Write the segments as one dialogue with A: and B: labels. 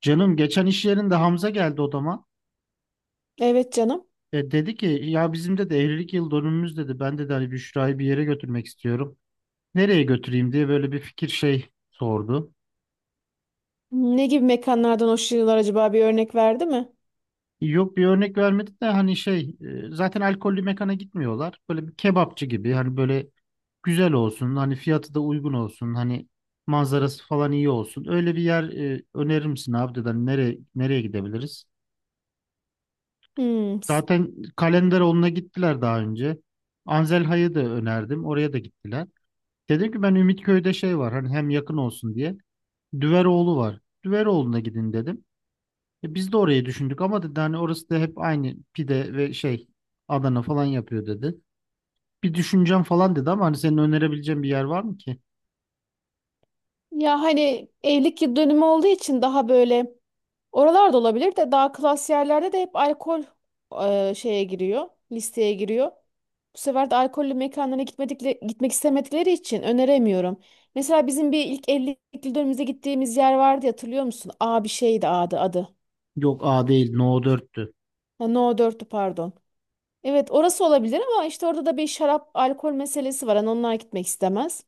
A: Canım geçen iş yerinde Hamza geldi odama.
B: Evet canım.
A: Dedi ki ya bizim de evlilik yıl dönümümüz dedi. Ben de hani Büşra'yı bir yere götürmek istiyorum. Nereye götüreyim diye böyle bir fikir şey sordu.
B: Ne gibi mekanlardan hoşlanıyorlar acaba bir örnek verdi mi?
A: Yok bir örnek vermedi de hani şey zaten alkollü mekana gitmiyorlar. Böyle bir kebapçı gibi hani böyle güzel olsun hani fiyatı da uygun olsun hani manzarası falan iyi olsun. Öyle bir yer önerir misin abi dedi. Hani nereye, nereye gidebiliriz?
B: Hmm.
A: Zaten Kalenderoğlu'na gittiler daha önce. Anzelha'yı da önerdim. Oraya da gittiler. Dedim ki ben Ümitköy'de şey var hani hem yakın olsun diye. Düveroğlu var. Düveroğlu'na gidin dedim. Biz de orayı düşündük ama dedi hani orası da hep aynı pide ve şey Adana falan yapıyor dedi. Bir düşüneceğim falan dedi ama hani senin önerebileceğin bir yer var mı ki?
B: Ya hani evlilik yıl dönümü olduğu için daha böyle oralarda olabilir de daha klas yerlerde de hep alkol şeye giriyor, listeye giriyor. Bu sefer de alkollü mekanlara gitmek istemedikleri için öneremiyorum. Mesela bizim bir ilk evlilik yıl dönümümüze gittiğimiz yer vardı ya, hatırlıyor musun? A bir şeydi adı.
A: Yok, A değil, No 4'tü.
B: Ha, No 4'tü pardon. Evet orası olabilir ama işte orada da bir şarap alkol meselesi var. Hani onlar gitmek istemez.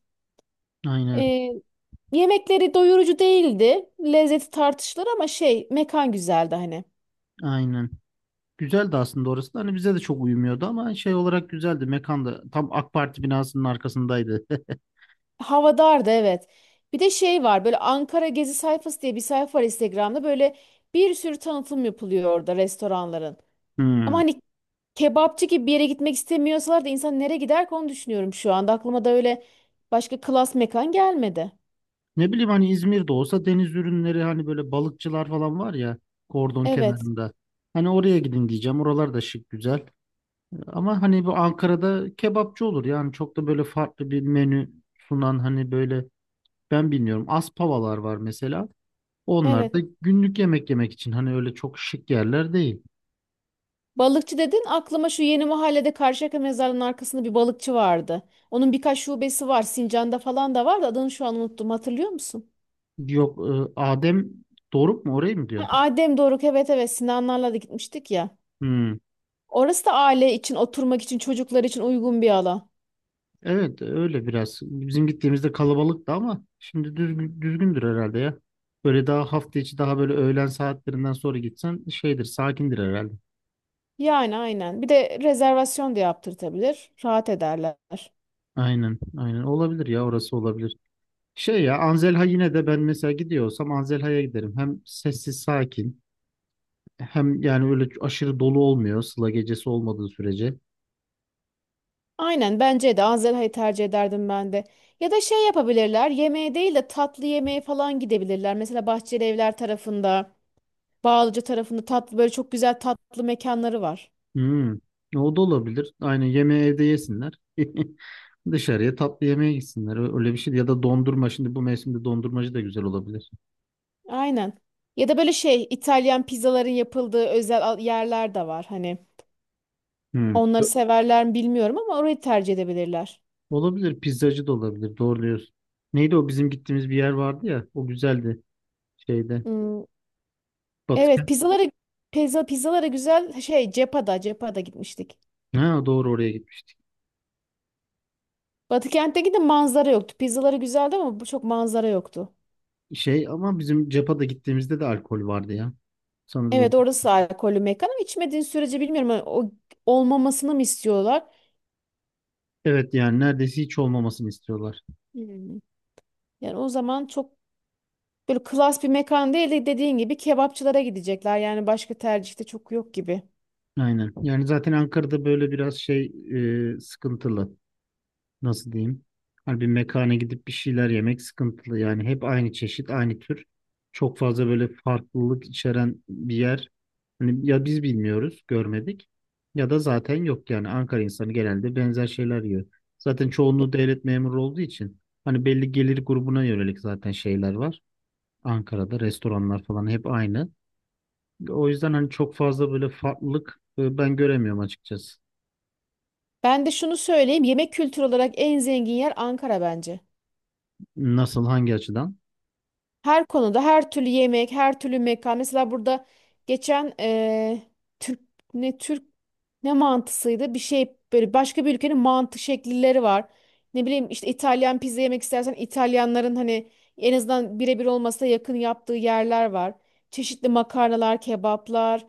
A: Aynen,
B: Ee, Yemekleri doyurucu değildi. Lezzeti tartışılır ama şey mekan güzeldi hani.
A: aynen. Güzeldi aslında orası da hani bize de çok uyumuyordu ama şey olarak güzeldi. Mekan da tam AK Parti binasının arkasındaydı.
B: Hava dardı evet. Bir de şey var böyle Ankara Gezi sayfası diye bir sayfa var Instagram'da. Böyle bir sürü tanıtım yapılıyor orada restoranların. Ama
A: Hmm.
B: hani kebapçı gibi bir yere gitmek istemiyorsalar da insan nereye gider ki onu düşünüyorum şu anda. Aklıma da öyle başka klas mekan gelmedi.
A: Ne bileyim hani İzmir'de olsa deniz ürünleri hani böyle balıkçılar falan var ya kordon
B: Evet.
A: kenarında. Hani oraya gidin diyeceğim. Oralar da şık, güzel. Ama hani bu Ankara'da kebapçı olur yani çok da böyle farklı bir menü sunan hani böyle ben bilmiyorum, Aspavalar var mesela. Onlar
B: Evet.
A: da günlük yemek yemek için hani öyle çok şık yerler değil.
B: Balıkçı dedin aklıma şu yeni mahallede Karşıyaka mezarının arkasında bir balıkçı vardı. Onun birkaç şubesi var. Sincan'da falan da var da adını şu an unuttum. Hatırlıyor musun?
A: Yok, Adem Doruk mu, orayı mı
B: Ha,
A: diyorsun?
B: Adem Doruk, evet, evet, Sinanlarla da gitmiştik ya.
A: Hmm.
B: Orası da aile için, oturmak için, çocuklar için uygun bir alan.
A: Evet, öyle biraz. Bizim gittiğimizde kalabalıktı ama şimdi düzgündür herhalde ya. Böyle daha hafta içi, daha böyle öğlen saatlerinden sonra gitsen şeydir, sakindir herhalde.
B: Yani aynen. Bir de rezervasyon da yaptırtabilir. Rahat ederler.
A: Aynen, aynen olabilir ya, orası olabilir. Şey ya, Anzelha yine de, ben mesela gidiyor olsam Anzelha'ya giderim. Hem sessiz, sakin, hem yani öyle aşırı dolu olmuyor Sıla gecesi olmadığı sürece.
B: Aynen, bence de Anzelha'yı tercih ederdim ben de. Ya da şey yapabilirler. Yemeğe değil de tatlı yemeğe falan gidebilirler. Mesela Bahçeli Evler tarafında. Bağlıca tarafında tatlı böyle çok güzel tatlı mekanları var.
A: Hmm, o da olabilir. Aynen, yemeği evde yesinler. Dışarıya tatlı yemeğe gitsinler. Öyle bir şey. Ya da dondurma. Şimdi bu mevsimde dondurmacı da güzel olabilir.
B: Aynen. Ya da böyle şey İtalyan pizzaların yapıldığı özel yerler de var. Hani
A: Hmm.
B: onları
A: Ö-
B: severler mi bilmiyorum ama orayı tercih edebilirler.
A: Olabilir. Pizzacı da olabilir. Doğru diyorsun. Neydi o bizim gittiğimiz bir yer vardı ya? O güzeldi. Şeyde.
B: Hmm, evet,
A: Batıken.
B: pizzalara pizzalara güzel şey Cepa'da gitmiştik.
A: Ha, doğru, oraya gitmiş.
B: Batıkent'teki de manzara yoktu. Pizzaları güzeldi ama bu çok manzara yoktu.
A: Şey, ama bizim Cepa'da gittiğimizde de alkol vardı ya. Sanırım o.
B: Evet, orası alkollü mekan ama içmediğin sürece bilmiyorum. Hani o olmamasını mı istiyorlar?
A: Evet, yani neredeyse hiç olmamasını istiyorlar.
B: Hmm. Yani o zaman çok böyle klas bir mekan değil de dediğin gibi kebapçılara gidecekler. Yani başka tercihte çok yok gibi.
A: Aynen. Yani zaten Ankara'da böyle biraz şey, sıkıntılı. Nasıl diyeyim? Hani bir mekana gidip bir şeyler yemek sıkıntılı. Yani hep aynı çeşit, aynı tür. Çok fazla böyle farklılık içeren bir yer. Hani ya biz bilmiyoruz, görmedik, ya da zaten yok yani Ankara insanı genelde benzer şeyler yiyor. Zaten çoğunluğu devlet memuru olduğu için hani belli gelir grubuna yönelik zaten şeyler var. Ankara'da restoranlar falan hep aynı. O yüzden hani çok fazla böyle farklılık ben göremiyorum açıkçası.
B: Ben de şunu söyleyeyim. Yemek kültürü olarak en zengin yer Ankara bence.
A: Nasıl, hangi açıdan?
B: Her konuda her türlü yemek, her türlü mekan. Mesela burada geçen Türk ne Türk ne mantısıydı? Bir şey böyle başka bir ülkenin mantı şekilleri var. Ne bileyim işte İtalyan pizza yemek istersen İtalyanların hani en azından birebir olmasa da yakın yaptığı yerler var. Çeşitli makarnalar, kebaplar.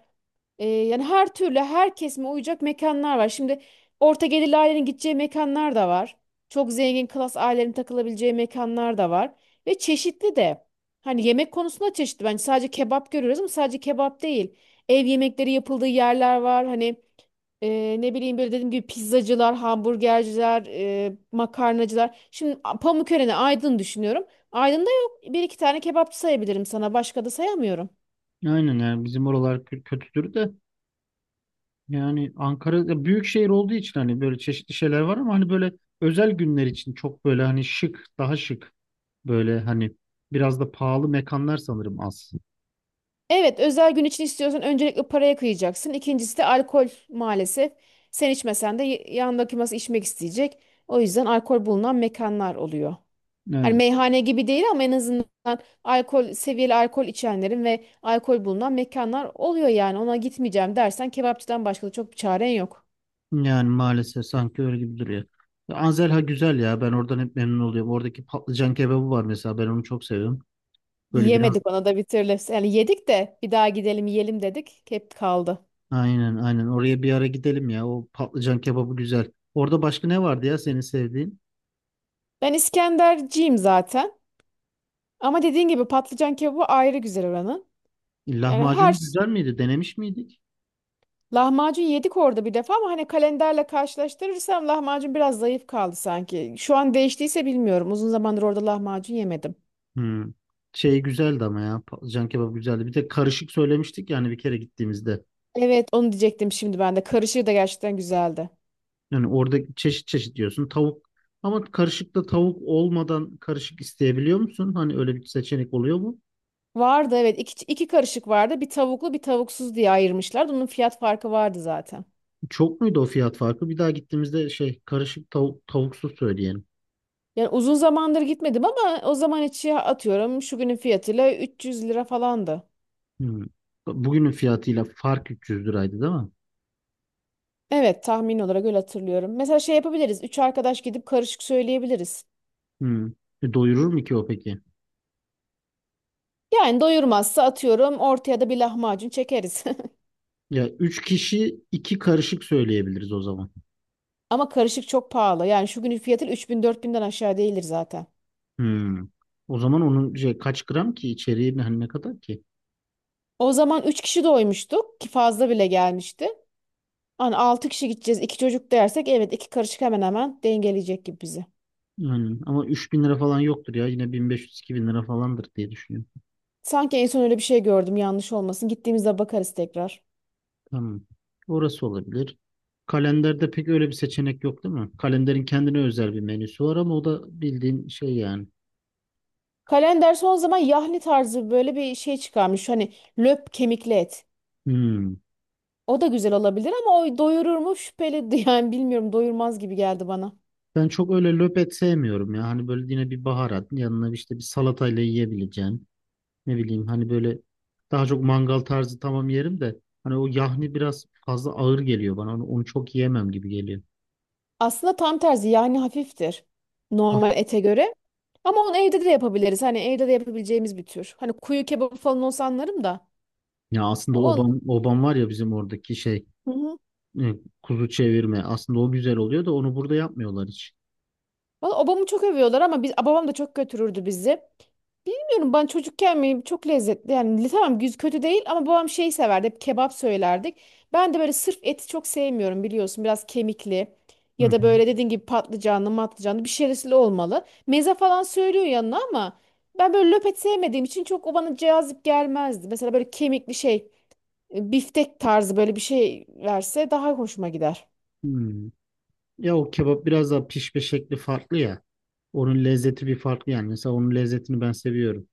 B: Yani her türlü her kesime uyacak mekanlar var. Şimdi orta gelirli ailenin gideceği mekanlar da var. Çok zengin klas ailenin takılabileceği mekanlar da var. Ve çeşitli de. Hani yemek konusunda çeşitli, bence sadece kebap görüyoruz ama sadece kebap değil. Ev yemekleri yapıldığı yerler var. Hani ne bileyim böyle dediğim gibi pizzacılar, hamburgerciler, makarnacılar. Şimdi Pamukören'i, Aydın düşünüyorum. Aydın'da yok. Bir iki tane kebapçı sayabilirim sana. Başka da sayamıyorum.
A: Aynen, yani bizim oralar kötüdür de. Yani Ankara ya büyük şehir olduğu için hani böyle çeşitli şeyler var ama hani böyle özel günler için çok böyle hani şık, daha şık, böyle hani biraz da pahalı mekanlar sanırım az.
B: Evet, özel gün için istiyorsan öncelikle paraya kıyacaksın. İkincisi de alkol maalesef. Sen içmesen de yanındaki masa içmek isteyecek. O yüzden alkol bulunan mekanlar oluyor. Hani
A: Evet.
B: meyhane gibi değil ama en azından alkol seviyeli, alkol içenlerin ve alkol bulunan mekanlar oluyor yani. Ona gitmeyeceğim dersen kebapçıdan başka da çok bir çaren yok.
A: Yani maalesef sanki öyle gibi duruyor. Ya, Anzelha güzel ya. Ben oradan hep memnun oluyorum. Oradaki patlıcan kebabı var mesela. Ben onu çok seviyorum. Böyle biraz,
B: Yemedik ona da bir türlü. Yani yedik de bir daha gidelim yiyelim dedik. Hep kaldı.
A: aynen, aynen. Oraya bir ara gidelim ya. O patlıcan kebabı güzel. Orada başka ne vardı ya senin sevdiğin?
B: Ben İskenderciyim zaten. Ama dediğin gibi patlıcan kebabı ayrı güzel oranın. Yani her
A: Lahmacun
B: ş-
A: güzel miydi? Denemiş miydik?
B: Lahmacun yedik orada bir defa ama hani kalenderle karşılaştırırsam lahmacun biraz zayıf kaldı sanki. Şu an değiştiyse bilmiyorum. Uzun zamandır orada lahmacun yemedim.
A: Hmm. Şey güzeldi ama ya, Can kebabı güzeldi. Bir de karışık söylemiştik yani bir kere gittiğimizde.
B: Evet, onu diyecektim şimdi ben de. Karışığı da gerçekten güzeldi.
A: Yani orada çeşit çeşit diyorsun. Tavuk, ama karışıkta tavuk olmadan karışık isteyebiliyor musun? Hani öyle bir seçenek oluyor mu?
B: Vardı evet, iki karışık vardı. Bir tavuklu bir tavuksuz diye ayırmışlardı. Onun fiyat farkı vardı zaten.
A: Çok muydu o fiyat farkı? Bir daha gittiğimizde şey karışık, tavuk tavuksuz söyleyelim.
B: Yani uzun zamandır gitmedim ama o zaman içi atıyorum şu günün fiyatıyla 300 lira falandı.
A: Hmm. Bugünün fiyatıyla fark 300 liraydı, değil mi?
B: Evet, tahmin olarak öyle hatırlıyorum. Mesela şey yapabiliriz. Üç arkadaş gidip karışık söyleyebiliriz.
A: Hmm. Doyurur mu ki o peki?
B: Yani doyurmazsa atıyorum ortaya da bir lahmacun çekeriz.
A: Ya üç kişi 2 karışık söyleyebiliriz o zaman.
B: Ama karışık çok pahalı. Yani şu günün fiyatı 3.000-4.000'den aşağı değildir zaten.
A: Hmm. O zaman onun şey, kaç gram ki içeriği, hani ne kadar ki?
B: O zaman 3 kişi doymuştuk ki fazla bile gelmişti. Hani 6 kişi gideceğiz, 2 çocuk dersek evet iki karışık hemen hemen dengeleyecek gibi bizi.
A: Aynen. Ama 3.000 lira falan yoktur ya. Yine 1500-2000 lira falandır diye düşünüyorum.
B: Sanki en son öyle bir şey gördüm, yanlış olmasın. Gittiğimizde bakarız tekrar.
A: Tamam. Orası olabilir. Kalenderde pek öyle bir seçenek yok değil mi? Kalenderin kendine özel bir menüsü var ama o da bildiğin şey yani.
B: Kalender son zaman yahni tarzı böyle bir şey çıkarmış. Hani löp kemikli et.
A: Hmm.
B: O da güzel olabilir ama o doyurur mu şüpheli yani bilmiyorum, doyurmaz gibi geldi bana.
A: Ben çok öyle löpet sevmiyorum ya. Hani böyle yine bir baharat yanına, işte bir salatayla yiyebileceğin. Ne bileyim, hani böyle daha çok mangal tarzı, tamam, yerim de hani o yahni biraz fazla ağır geliyor bana. Onu çok yiyemem gibi geliyor.
B: Aslında tam tersi, yahni hafiftir
A: Af-
B: normal ete göre. Ama onu evde de yapabiliriz. Hani evde de yapabileceğimiz bir tür. Hani kuyu kebabı falan olsa anlarım da.
A: Ya aslında
B: Onun...
A: obam, var ya bizim oradaki şey. Evet, kuzu çevirme. Aslında o güzel oluyor da onu burada yapmıyorlar hiç.
B: Valla obamı çok övüyorlar ama biz, babam da çok götürürdü bizi. Bilmiyorum ben çocukken mi çok lezzetli, yani tamam, kötü değil ama babam şey severdi, hep kebap söylerdik. Ben de böyle sırf eti çok sevmiyorum biliyorsun, biraz kemikli
A: Hı
B: ya da
A: hı.
B: böyle dediğin gibi patlıcanlı matlıcanlı bir şeyli olmalı. Meze falan söylüyor yanına ama ben böyle löpet sevmediğim için çok o bana cazip gelmezdi. Mesela böyle kemikli şey biftek tarzı böyle bir şey verse daha hoşuma gider.
A: Hmm. Ya o kebap biraz daha pişme şekli farklı ya. Onun lezzeti bir farklı yani. Mesela onun lezzetini ben seviyorum.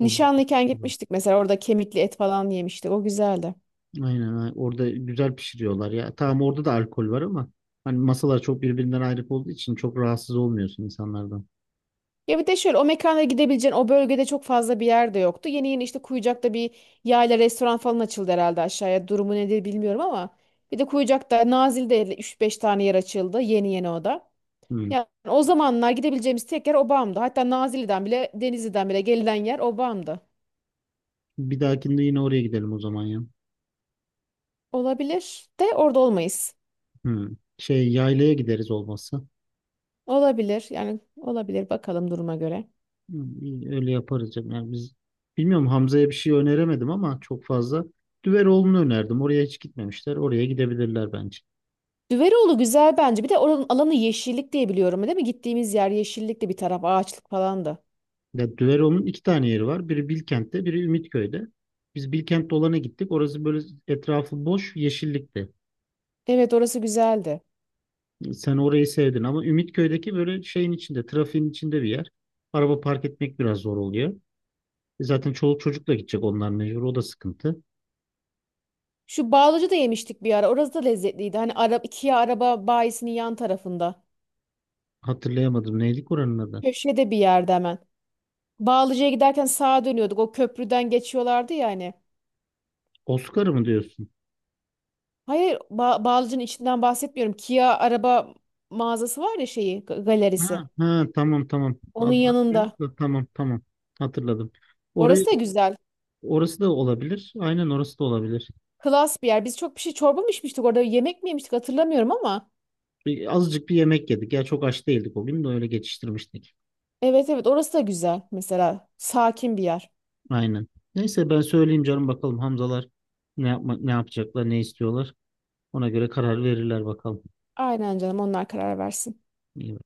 A: O,
B: gitmiştik mesela, orada kemikli et falan yemiştik, o güzeldi.
A: aynen aynen. Orada güzel pişiriyorlar ya. Tamam, orada da alkol var ama hani masalar çok birbirinden ayrı olduğu için çok rahatsız olmuyorsun insanlardan.
B: Ya bir de şöyle, o mekana gidebileceğin o bölgede çok fazla bir yer de yoktu. Yeni yeni işte Kuyucak'ta bir yayla restoran falan açıldı herhalde aşağıya. Durumu nedir bilmiyorum ama. Bir de Kuyucak'ta Nazilli'de üç beş tane yer açıldı. Yeni yeni o da.
A: Hmm.
B: Yani o zamanlar gidebileceğimiz tek yer Obam'dı. Hatta Nazilli'den bile, Denizli'den bile gelinen yer Obam'dı.
A: Bir dahakinde yine oraya gidelim o zaman ya.
B: Olabilir de, orada olmayız.
A: Hmm. Şey, yaylaya gideriz olmazsa.
B: Olabilir, yani olabilir, bakalım duruma göre.
A: Hı, iyi, öyle yaparız canım. Yani biz, bilmiyorum, Hamza'ya bir şey öneremedim ama çok fazla. Düveroğlu'nu önerdim. Oraya hiç gitmemişler. Oraya gidebilirler bence.
B: Düveroğlu güzel bence. Bir de oranın alanı yeşillik diye biliyorum değil mi? Gittiğimiz yer yeşillikti, bir taraf ağaçlık falandı.
A: Ya, Düveroğlu'nun iki tane yeri var. Biri Bilkent'te, biri Ümitköy'de. Biz Bilkent dolana gittik. Orası böyle etrafı boş, yeşillikti.
B: Evet, orası güzeldi.
A: Sen orayı sevdin ama Ümitköy'deki böyle şeyin içinde, trafiğin içinde bir yer. Araba park etmek biraz zor oluyor. Zaten çoluk çocukla gidecek onlar mecbur. O da sıkıntı.
B: Şu Bağlıcı da yemiştik bir ara. Orası da lezzetliydi. Hani Kia araba bayisinin yan tarafında.
A: Hatırlayamadım. Neydi oranın adı?
B: Köşede bir yerde hemen. Bağlıcı'ya giderken sağa dönüyorduk. O köprüden geçiyorlardı ya hani.
A: Oscar mı diyorsun?
B: Hayır, Bağlıcı'nın içinden bahsetmiyorum. Kia araba mağazası var ya, şeyi galerisi.
A: Ha, ha, tamam, tamam.
B: Onun
A: Adaptive
B: yanında.
A: de, tamam, tamam. Hatırladım.
B: Orası
A: Orayı
B: da güzel.
A: orası da olabilir. Aynen, orası da olabilir.
B: Klas bir yer. Biz çok bir şey, çorba mı içmiştik orada yemek mi yemiştik hatırlamıyorum ama.
A: Azıcık bir yemek yedik. Ya çok aç değildik o gün de öyle geçiştirmiştik.
B: Evet, evet, orası da güzel mesela. Sakin bir yer.
A: Aynen. Neyse, ben söyleyeyim canım, bakalım Hamzalar ne yapacaklar, ne istiyorlar. Ona göre karar verirler bakalım.
B: Aynen canım, onlar karar versin.
A: İyi.